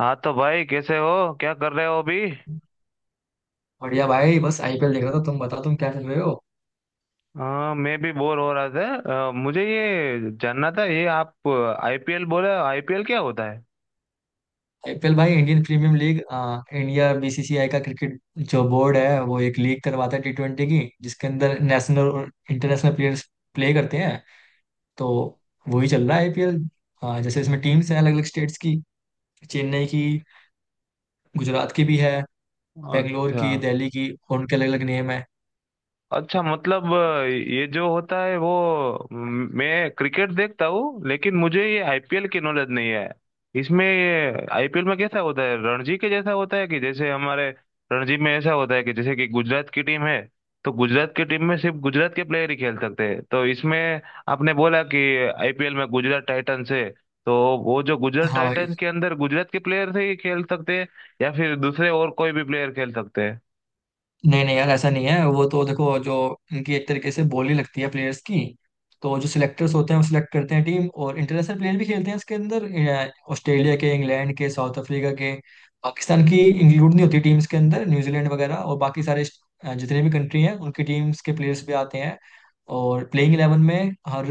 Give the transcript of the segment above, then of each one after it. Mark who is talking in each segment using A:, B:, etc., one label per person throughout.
A: हाँ, तो भाई, कैसे हो? क्या कर रहे हो अभी?
B: बढ़िया भाई, बस आईपीएल देख रहा था। तुम बताओ, तुम क्या चल रहे हो।
A: हाँ, मैं भी बोर हो रहा था। मुझे ये जानना था, ये आप आईपीएल बोले? आईपीएल क्या होता है?
B: आईपीएल भाई Indian premier league. India BCCI का क्रिकेट जो बोर्ड है वो एक लीग करवाता है T20 की, जिसके अंदर नेशनल और इंटरनेशनल प्लेयर्स प्ले करते हैं। तो वही चल रहा है आईपीएल। जैसे इसमें टीम्स हैं अलग अलग स्टेट्स की। चेन्नई की, गुजरात की भी है, बेंगलोर
A: अच्छा।
B: की, दिल्ली की, और उनके अलग अलग नेम है।
A: अच्छा, मतलब ये जो होता है वो मैं क्रिकेट देखता हूँ, लेकिन मुझे ये आईपीएल की नॉलेज नहीं है। इसमें ये आईपीएल में कैसा होता है? रणजी के जैसा होता है? कि जैसे हमारे रणजी में ऐसा होता है कि जैसे कि गुजरात की टीम है, तो गुजरात की टीम में सिर्फ गुजरात के प्लेयर ही खेल सकते हैं। तो इसमें आपने बोला कि आईपीएल में गुजरात टाइटंस है, तो वो जो गुजरात
B: हाँ भाई।
A: टाइटंस के अंदर गुजरात के प्लेयर से ही खेल सकते हैं, या फिर दूसरे और कोई भी प्लेयर खेल सकते हैं?
B: नहीं नहीं यार, ऐसा नहीं है। वो तो देखो, जो इनकी एक तरीके से बोली लगती है प्लेयर्स की, तो जो सिलेक्टर्स होते हैं वो सिलेक्ट करते हैं टीम, और इंटरनेशनल प्लेयर भी खेलते हैं इसके अंदर। ऑस्ट्रेलिया के, इंग्लैंड के, साउथ अफ्रीका के। पाकिस्तान की इंक्लूड नहीं होती टीम्स के अंदर, न्यूजीलैंड वगैरह और बाकी सारे जितने भी कंट्री हैं उनकी टीम्स के प्लेयर्स भी आते हैं। और प्लेइंग इलेवन में हर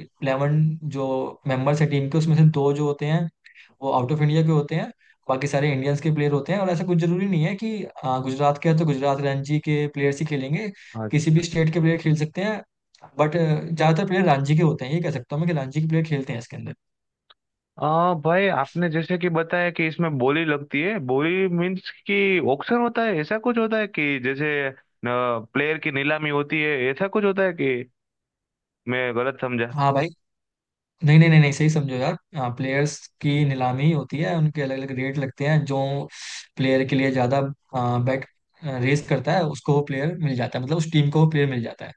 B: इलेवन, जो मेंबर्स हैं टीम के, उसमें से दो जो होते हैं वो आउट ऑफ इंडिया के होते हैं, बाकी सारे इंडियंस के प्लेयर होते हैं। और ऐसा कुछ जरूरी नहीं है कि गुजरात के हैं तो गुजरात रणजी के प्लेयर्स ही खेलेंगे। किसी
A: अच्छा।
B: भी स्टेट के प्लेयर खेल सकते हैं, बट ज्यादातर प्लेयर रणजी के होते हैं, ये कह सकता हूँ मैं, कि रणजी के प्लेयर खेलते हैं इसके अंदर।
A: भाई, आपने जैसे कि बताया कि इसमें बोली लगती है। बोली मीन्स कि ऑक्शन होता है? ऐसा कुछ होता है कि जैसे प्लेयर की नीलामी होती है? ऐसा कुछ होता है कि मैं गलत समझा?
B: हाँ भाई। नहीं नहीं नहीं नहीं, सही समझो यार। प्लेयर्स की नीलामी होती है, उनके अलग अलग रेट लगते हैं। जो प्लेयर के लिए ज्यादा बेट रेस करता है, उसको वो प्लेयर मिल जाता है, मतलब उस टीम को वो प्लेयर मिल जाता है।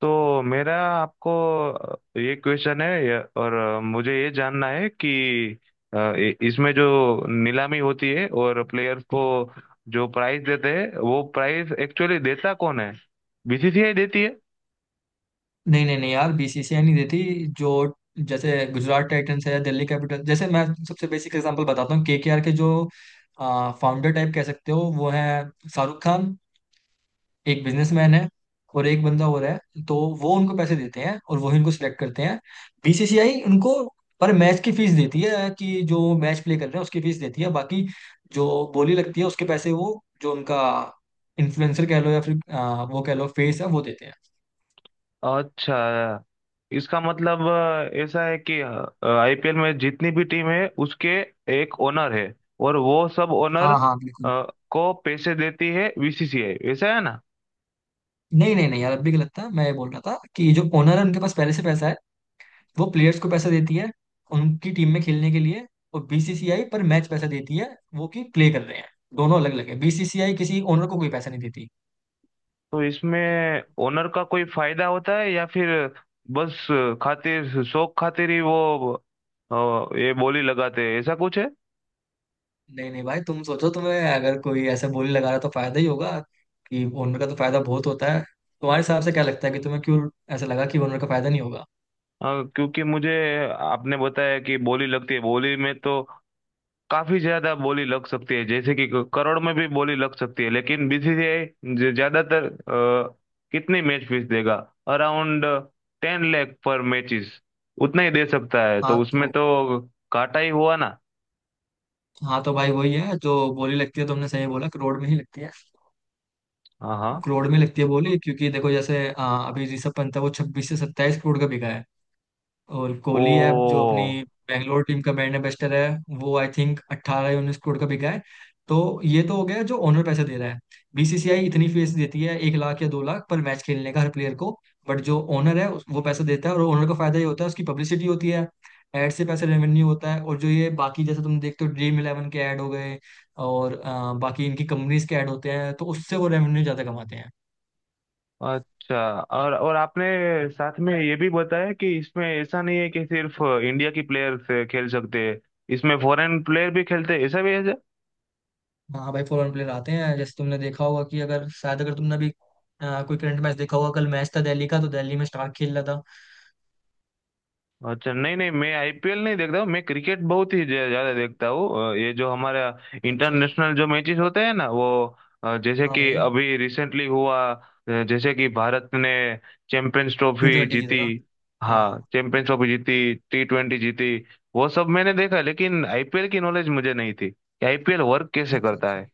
A: तो मेरा आपको ये क्वेश्चन है और मुझे ये जानना है कि इसमें जो नीलामी होती है और प्लेयर को जो प्राइस देते हैं, वो प्राइस एक्चुअली देता कौन है? बीसीसीआई देती है?
B: नहीं नहीं नहीं यार, बीसीसीआई नहीं देती। जो, जैसे गुजरात टाइटंस है या दिल्ली कैपिटल, जैसे मैं सबसे बेसिक एग्जांपल बताता हूँ, केकेआर के जो फाउंडर टाइप कह सकते हो वो है शाहरुख खान, एक बिजनेसमैन है और एक बंदा और है। तो वो उनको पैसे देते हैं और वही उनको सिलेक्ट करते हैं। बीसीसीआई उनको पर मैच की फीस देती है, कि जो मैच प्ले कर रहे हैं उसकी फीस देती है। बाकी जो बोली लगती है उसके पैसे वो, जो उनका इन्फ्लुएंसर कह लो या फिर वो कह लो फेस है, वो देते हैं।
A: अच्छा। इसका मतलब ऐसा है कि आईपीएल में जितनी भी टीम है उसके एक ओनर है, और वो सब ओनर
B: हाँ हाँ बिल्कुल।
A: को पैसे देती है बीसीसीआई, ऐसा है ना?
B: नहीं नहीं नहीं यार, अब भी गलत था। मैं ये बोल रहा था कि जो ओनर है उनके पास पहले से पैसा है, वो प्लेयर्स को पैसा देती है उनकी टीम में खेलने के लिए, और बीसीसीआई पर मैच पैसा देती है वो कि प्ले कर रहे हैं। दोनों अलग अलग है, बीसीसीआई किसी ओनर को कोई पैसा नहीं देती।
A: तो इसमें ओनर का कोई फायदा होता है या फिर बस खातिर, शौक खातिर ही वो अ, ये बोली लगाते हैं, ऐसा कुछ है?
B: नहीं नहीं भाई, तुम सोचो, तुम्हें अगर कोई ऐसा बोली लगा रहा है, तो फायदा ही होगा। कि ओनर का तो फायदा बहुत होता है। तुम्हारे हिसाब से क्या लगता है कि तुम्हें क्यों ऐसा लगा कि ओनर का फायदा नहीं होगा।
A: क्योंकि मुझे आपने बताया कि बोली लगती है। बोली में तो काफी ज्यादा बोली लग सकती है, जैसे कि करोड़ में भी बोली लग सकती है। लेकिन बीसीसीआई ज्यादातर कितनी मैच फीस देगा? अराउंड 10 लाख पर मैचेस उतना ही दे सकता है, तो
B: हाँ
A: उसमें
B: तो
A: तो घाटा ही हुआ ना?
B: हाँ तो भाई वही है, जो बोली लगती है, तुमने सही बोला कि रोड में ही लगती है।
A: हाँ हाँ।
B: करोड़ में लगती है बोली, क्योंकि देखो, जैसे अभी ऋषभ पंत है वो 26 से 27 करोड़ का बिका है। और
A: ओ,
B: कोहली है जो अपनी बैंगलोर टीम का बैटर बेस्टर है, वो आई थिंक 18 या 19 करोड़ का बिका है। तो ये तो हो गया जो ओनर पैसे दे रहा है। बीसीसीआई इतनी फीस देती है, 1 लाख या 2 लाख पर मैच खेलने का हर प्लेयर को। बट जो ओनर है वो पैसा देता है। और ओनर का फायदा ये होता है उसकी पब्लिसिटी होती है, एड से पैसे रेवेन्यू होता है। और जो ये बाकी जैसे तुम देखते हो, ड्रीम इलेवन के ऐड हो गए और बाकी इनकी कंपनीज के ऐड होते हैं, तो उससे वो रेवेन्यू ज्यादा कमाते हैं।
A: अच्छा। और आपने साथ में ये भी बताया कि इसमें ऐसा नहीं है कि सिर्फ इंडिया की प्लेयर खेल सकते हैं, इसमें फॉरेन प्लेयर भी खेलते हैं, ऐसा भी?
B: हाँ भाई फॉरेन प्लेयर आते हैं। जैसे तुमने देखा होगा कि अगर शायद अगर तुमने अभी कोई करंट मैच देखा होगा, कल मैच था दिल्ली का, तो दिल्ली में स्टार खेल रहा था।
A: अच्छा, नहीं नहीं, मैं आईपीएल नहीं देखता हूँ। मैं क्रिकेट बहुत ही ज्यादा देखता हूँ। ये जो हमारा
B: अच्छा।
A: इंटरनेशनल जो मैचेस होते हैं ना वो जैसे
B: हाँ
A: कि
B: भाई।
A: अभी रिसेंटली हुआ। जैसे कि भारत ने चैंपियंस
B: टी
A: ट्रॉफी
B: ट्वेंटी जीता
A: जीती।
B: था। हाँ
A: हाँ,
B: हाँ।
A: चैंपियंस ट्रॉफी जीती, T20 जीती। वो सब मैंने देखा, लेकिन आईपीएल की नॉलेज मुझे नहीं थी कि आईपीएल वर्क कैसे
B: अच्छा
A: करता
B: अच्छा।
A: है।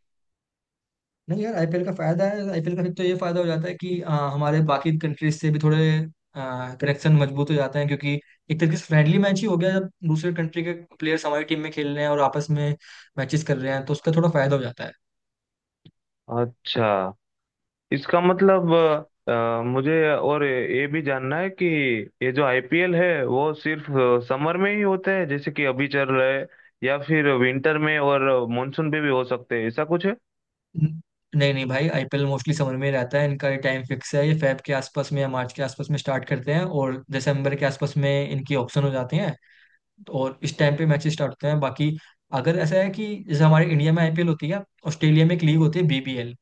B: नहीं यार, आईपीएल का फायदा है। आईपीएल का फिर तो ये फायदा हो जाता है कि हमारे बाकी कंट्रीज से भी थोड़े कनेक्शन मजबूत हो जाते हैं, क्योंकि एक तरीके से फ्रेंडली मैच ही हो गया। जब दूसरे कंट्री के प्लेयर्स हमारी टीम में खेल रहे हैं और आपस में मैचेस कर रहे हैं, तो उसका थोड़ा फायदा हो जाता है।
A: अच्छा। इसका मतलब मुझे और ये भी जानना है कि ये जो आईपीएल है वो सिर्फ समर में ही होते हैं, जैसे कि अभी चल रहा है, या फिर विंटर में और मानसून में भी हो सकते हैं, ऐसा कुछ है?
B: न- नहीं नहीं भाई, आईपीएल मोस्टली समर में ही रहता है। इनका टाइम फिक्स है, ये फेब के आसपास में या मार्च के आसपास में स्टार्ट करते हैं, और दिसंबर के आसपास में इनकी ऑक्शन हो जाती हैं, और इस टाइम पे मैचेस स्टार्ट होते हैं। बाकी अगर ऐसा है कि जैसे हमारे इंडिया में आईपीएल होती है, ऑस्ट्रेलिया में एक लीग होती है बीबीएल,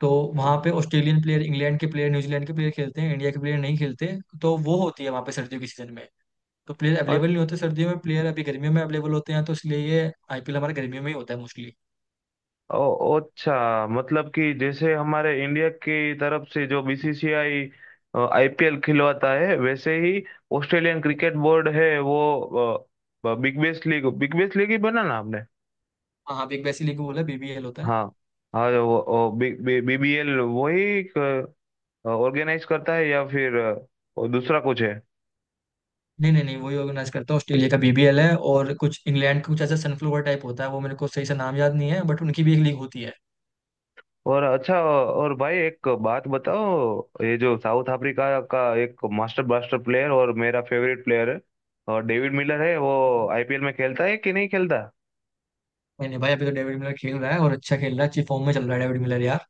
B: तो वहाँ पे ऑस्ट्रेलियन प्लेयर, इंग्लैंड के प्लेयर, न्यूजीलैंड के प्लेयर खेलते हैं, इंडिया के प्लेयर नहीं खेलते। तो वो होती है वहाँ पे सर्दियों के सीजन में। तो प्लेयर
A: और
B: अवेलेबल नहीं होते सर्दियों में, प्लेयर अभी गर्मियों में अवेलेबल होते हैं, तो इसलिए ये आईपीएल हमारे गर्मियों में ही होता है मोस्टली।
A: अच्छा, मतलब कि जैसे हमारे इंडिया की तरफ से जो बीसीसीआई आईपीएल खिलवाता है, वैसे ही ऑस्ट्रेलियन क्रिकेट बोर्ड है वो बिग बैश लीग ही बना ना?
B: हाँ हाँ, बिग बैसी लीग बोला, बीबीएल होता है।
A: हाँ। और वो बीबीएल वही ऑर्गेनाइज करता है, या फिर और दूसरा कुछ है?
B: नहीं नहीं नहीं, वही ऑर्गेनाइज करता है। ऑस्ट्रेलिया का बीबीएल है, और कुछ इंग्लैंड का कुछ ऐसा सनफ्लोवर टाइप होता है, वो मेरे को सही से नाम याद नहीं है, बट उनकी भी एक लीग होती है।
A: और अच्छा, और भाई एक बात बताओ, ये जो साउथ अफ्रीका का एक मास्टर ब्लास्टर प्लेयर और मेरा फेवरेट प्लेयर है, और डेविड मिलर है, वो
B: हम्म।
A: आईपीएल में खेलता है कि नहीं खेलता?
B: नहीं नहीं भाई, अभी तो डेविड मिलर खेल रहा है और अच्छा खेल रहा है, अच्छी फॉर्म में चल रहा है डेविड मिलर यार।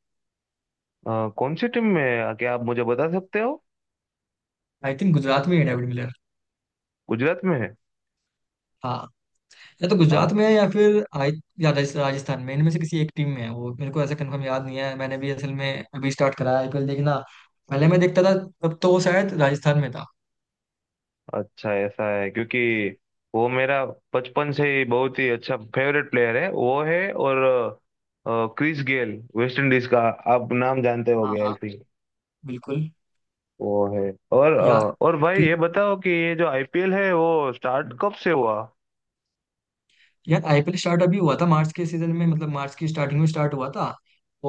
A: कौन सी टीम में है? क्या आप मुझे बता सकते हो?
B: आई थिंक गुजरात में ही है डेविड मिलर।
A: गुजरात में है?
B: हाँ। या तो गुजरात में है या फिर आई, या राजस्थान में, इनमें से किसी एक टीम में है, वो मेरे को ऐसा कंफर्म याद नहीं है। मैंने भी असल में अभी स्टार्ट करा है आईपीएल देखना, पहले मैं देखता था, तब तो वो शायद राजस्थान में था।
A: अच्छा, ऐसा है क्योंकि वो मेरा बचपन से ही बहुत ही अच्छा फेवरेट प्लेयर है, वो है। और क्रिस गेल, वेस्ट इंडीज का, आप नाम जानते
B: हाँ
A: होंगे आई
B: हाँ
A: थिंक।
B: बिल्कुल।
A: वो है। और
B: यार
A: अ, और भाई ये बताओ कि ये जो आईपीएल है वो स्टार्ट कब से हुआ?
B: यार आईपीएल स्टार्ट अभी हुआ था मार्च के सीजन में, मतलब मार्च की स्टार्टिंग में स्टार्ट हुआ था,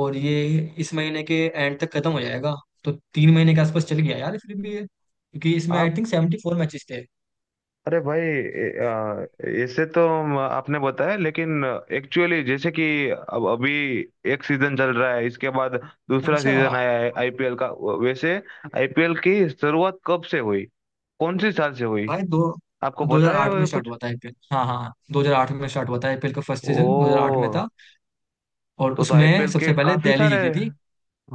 B: और ये इस महीने के एंड तक खत्म हो जाएगा। तो 3 महीने के आसपास चल गया यार फिर भी ये, क्योंकि इसमें आई थिंक 74 मैचेस थे।
A: अरे भाई, ऐसे तो आपने बताया, लेकिन एक्चुअली जैसे कि अब अभी एक सीजन चल रहा है, इसके बाद दूसरा
B: अच्छा।
A: सीजन आया है आईपीएल का। वैसे आईपीएल की शुरुआत कब से हुई? कौन सी साल से हुई?
B: भाई दो,
A: आपको पता है
B: 2008
A: वो
B: में स्टार्ट
A: कुछ?
B: हुआ था आईपीएल। हाँ हाँ, 2008 में स्टार्ट हुआ था आईपीएल का फर्स्ट सीजन, 2008 में
A: ओ,
B: था। और
A: तो
B: उसमें
A: आईपीएल के
B: सबसे पहले
A: काफी
B: दिल्ली
A: सारे
B: जीती थी।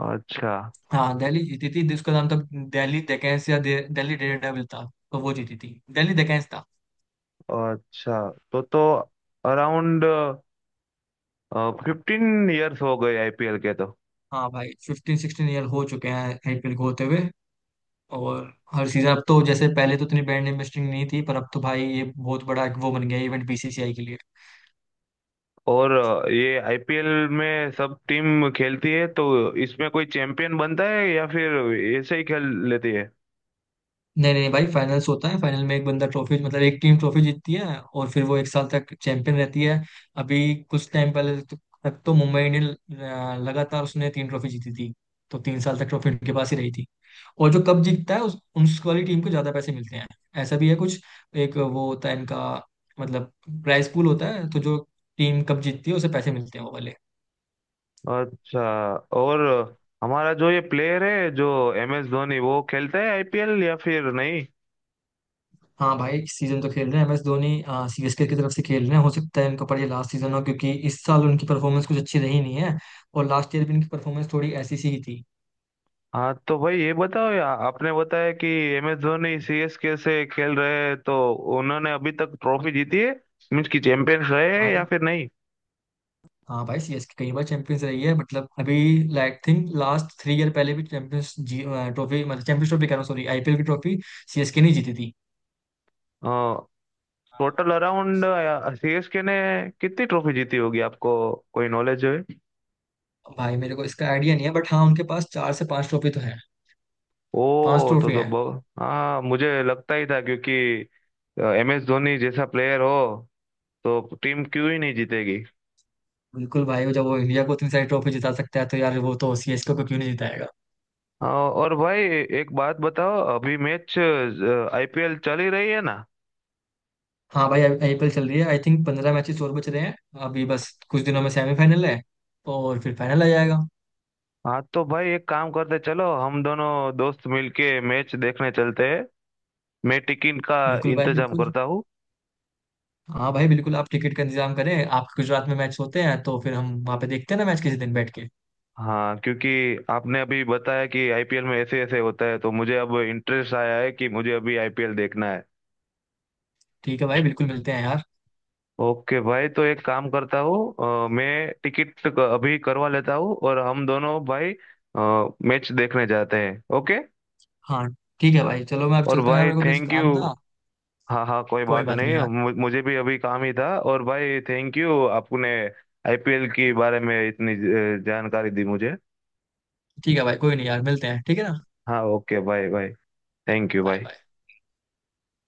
A: अच्छा।
B: हाँ दिल्ली जीती थी, जिसका नाम था दिल्ली डेकेंस या दिल्ली डेयरडेविल था। तो वो जीती थी, दिल्ली डेकेंस था।
A: अच्छा, तो अराउंड 15 इयर्स हो गए आईपीएल के तो।
B: हाँ भाई, 15 16 ईयर हो चुके हैं आईपीएल को होते हुए। और हर सीजन, अब तो जैसे पहले तो इतनी ब्रांड इन्वेस्टिंग नहीं थी, पर अब तो भाई ये बहुत बड़ा एक वो बन गया इवेंट बीसीसीआई के लिए।
A: और ये आईपीएल में सब टीम खेलती है, तो इसमें कोई चैंपियन बनता है या फिर ऐसे ही खेल लेती है?
B: नहीं नहीं भाई, फाइनल्स होता है। फाइनल में एक बंदा ट्रॉफी, मतलब एक टीम ट्रॉफी जीतती है और फिर वो एक साल तक चैंपियन रहती है। अभी कुछ टाइम पहले तक तो मुंबई इंडियन लगातार उसने 3 ट्रॉफी जीती थी, तो 3 साल तक ट्रॉफी उनके पास ही रही थी। और जो कप जीतता है उस वाली टीम को ज्यादा पैसे मिलते हैं, ऐसा भी है कुछ। एक वो होता है इनका, मतलब प्राइस पूल होता है, तो जो टीम कप जीतती है उसे पैसे मिलते हैं वो वाले।
A: अच्छा। और हमारा जो ये प्लेयर है जो एम एस धोनी, वो खेलता है आईपीएल या फिर नहीं?
B: हाँ भाई, इस सीजन तो खेल रहे हैं एम एस धोनी, सीएसके की तरफ से खेल रहे हैं। हो सकता है इनका पर ये लास्ट सीजन हो, क्योंकि इस साल उनकी परफॉर्मेंस कुछ अच्छी रही नहीं है, और लास्ट ईयर भी इनकी परफॉर्मेंस थोड़ी ऐसी सी ही थी।
A: हाँ, तो भाई ये बताओ, या आपने बताया कि एम एस धोनी सीएसके से खेल रहे हैं, तो उन्होंने अभी तक ट्रॉफी जीती है, मीन्स की चैंपियंस रहे हैं या
B: भाई,
A: फिर नहीं?
B: हाँ भाई सीएसके कई बार चैंपियंस रही है, मतलब अभी like think last three year पहले भी चैंपियंस जी ट्रॉफी, मतलब चैंपियंस ट्रॉफी कह रहा हूँ, सॉरी, आईपीएल की ट्रॉफी। सीएसके नहीं जीती थी।
A: टोटल अराउंड सीएसके ने कितनी ट्रॉफी जीती होगी, आपको कोई नॉलेज है?
B: भाई मेरे को इसका आइडिया नहीं है, बट हाँ उनके पास 4 से 5 ट्रॉफी तो है। पांच
A: ओ, तो
B: ट्रॉफी
A: तो
B: है।
A: बहु। हाँ, मुझे लगता ही था क्योंकि एम एस धोनी जैसा प्लेयर हो, तो टीम क्यों ही नहीं जीतेगी।
B: बिल्कुल भाई, जब वो इंडिया को इतनी सारी ट्रॉफी जिता सकता है, तो यार वो तो सीएसके को क्यों नहीं जिताएगा।
A: हाँ, और भाई, एक बात बताओ, अभी मैच आईपीएल चल ही रही है ना?
B: हाँ भाई आईपीएल चल रही है, आई थिंक 15 मैचेस और बच रहे हैं। अभी बस कुछ दिनों में सेमीफाइनल है, और फिर फाइनल आ जाएगा।
A: हाँ, तो भाई एक काम करते, चलो हम दोनों दोस्त मिलके मैच देखने चलते हैं। मैं टिकट का
B: बिल्कुल भाई
A: इंतजाम
B: बिल्कुल।
A: करता हूँ।
B: हाँ भाई बिल्कुल, आप टिकट का इंतजाम करें, आपके गुजरात में मैच होते हैं तो फिर हम वहाँ पे देखते हैं ना मैच किसी दिन बैठ के।
A: हाँ, क्योंकि आपने अभी बताया कि आईपीएल में ऐसे ऐसे होता है, तो मुझे अब इंटरेस्ट आया है कि मुझे अभी आईपीएल देखना है।
B: ठीक है भाई, बिल्कुल मिलते हैं यार।
A: ओके भाई, तो एक काम करता हूँ, मैं टिकट अभी करवा लेता हूँ और हम दोनों भाई मैच देखने जाते हैं। ओके।
B: हाँ ठीक है भाई, चलो मैं अब
A: और
B: चलता हूँ यार,
A: भाई,
B: मेरे को कुछ
A: थैंक
B: काम
A: यू।
B: था।
A: हाँ हाँ, कोई
B: कोई
A: बात
B: बात नहीं
A: नहीं।
B: यार।
A: मुझे भी अभी काम ही था। और भाई, थैंक यू आपने आईपीएल के बारे में इतनी जानकारी दी मुझे।
B: ठीक है भाई, कोई नहीं यार, मिलते हैं, ठीक है ना।
A: हाँ, ओके भाई। भाई, थैंक यू
B: बाय
A: भाई।
B: बाय।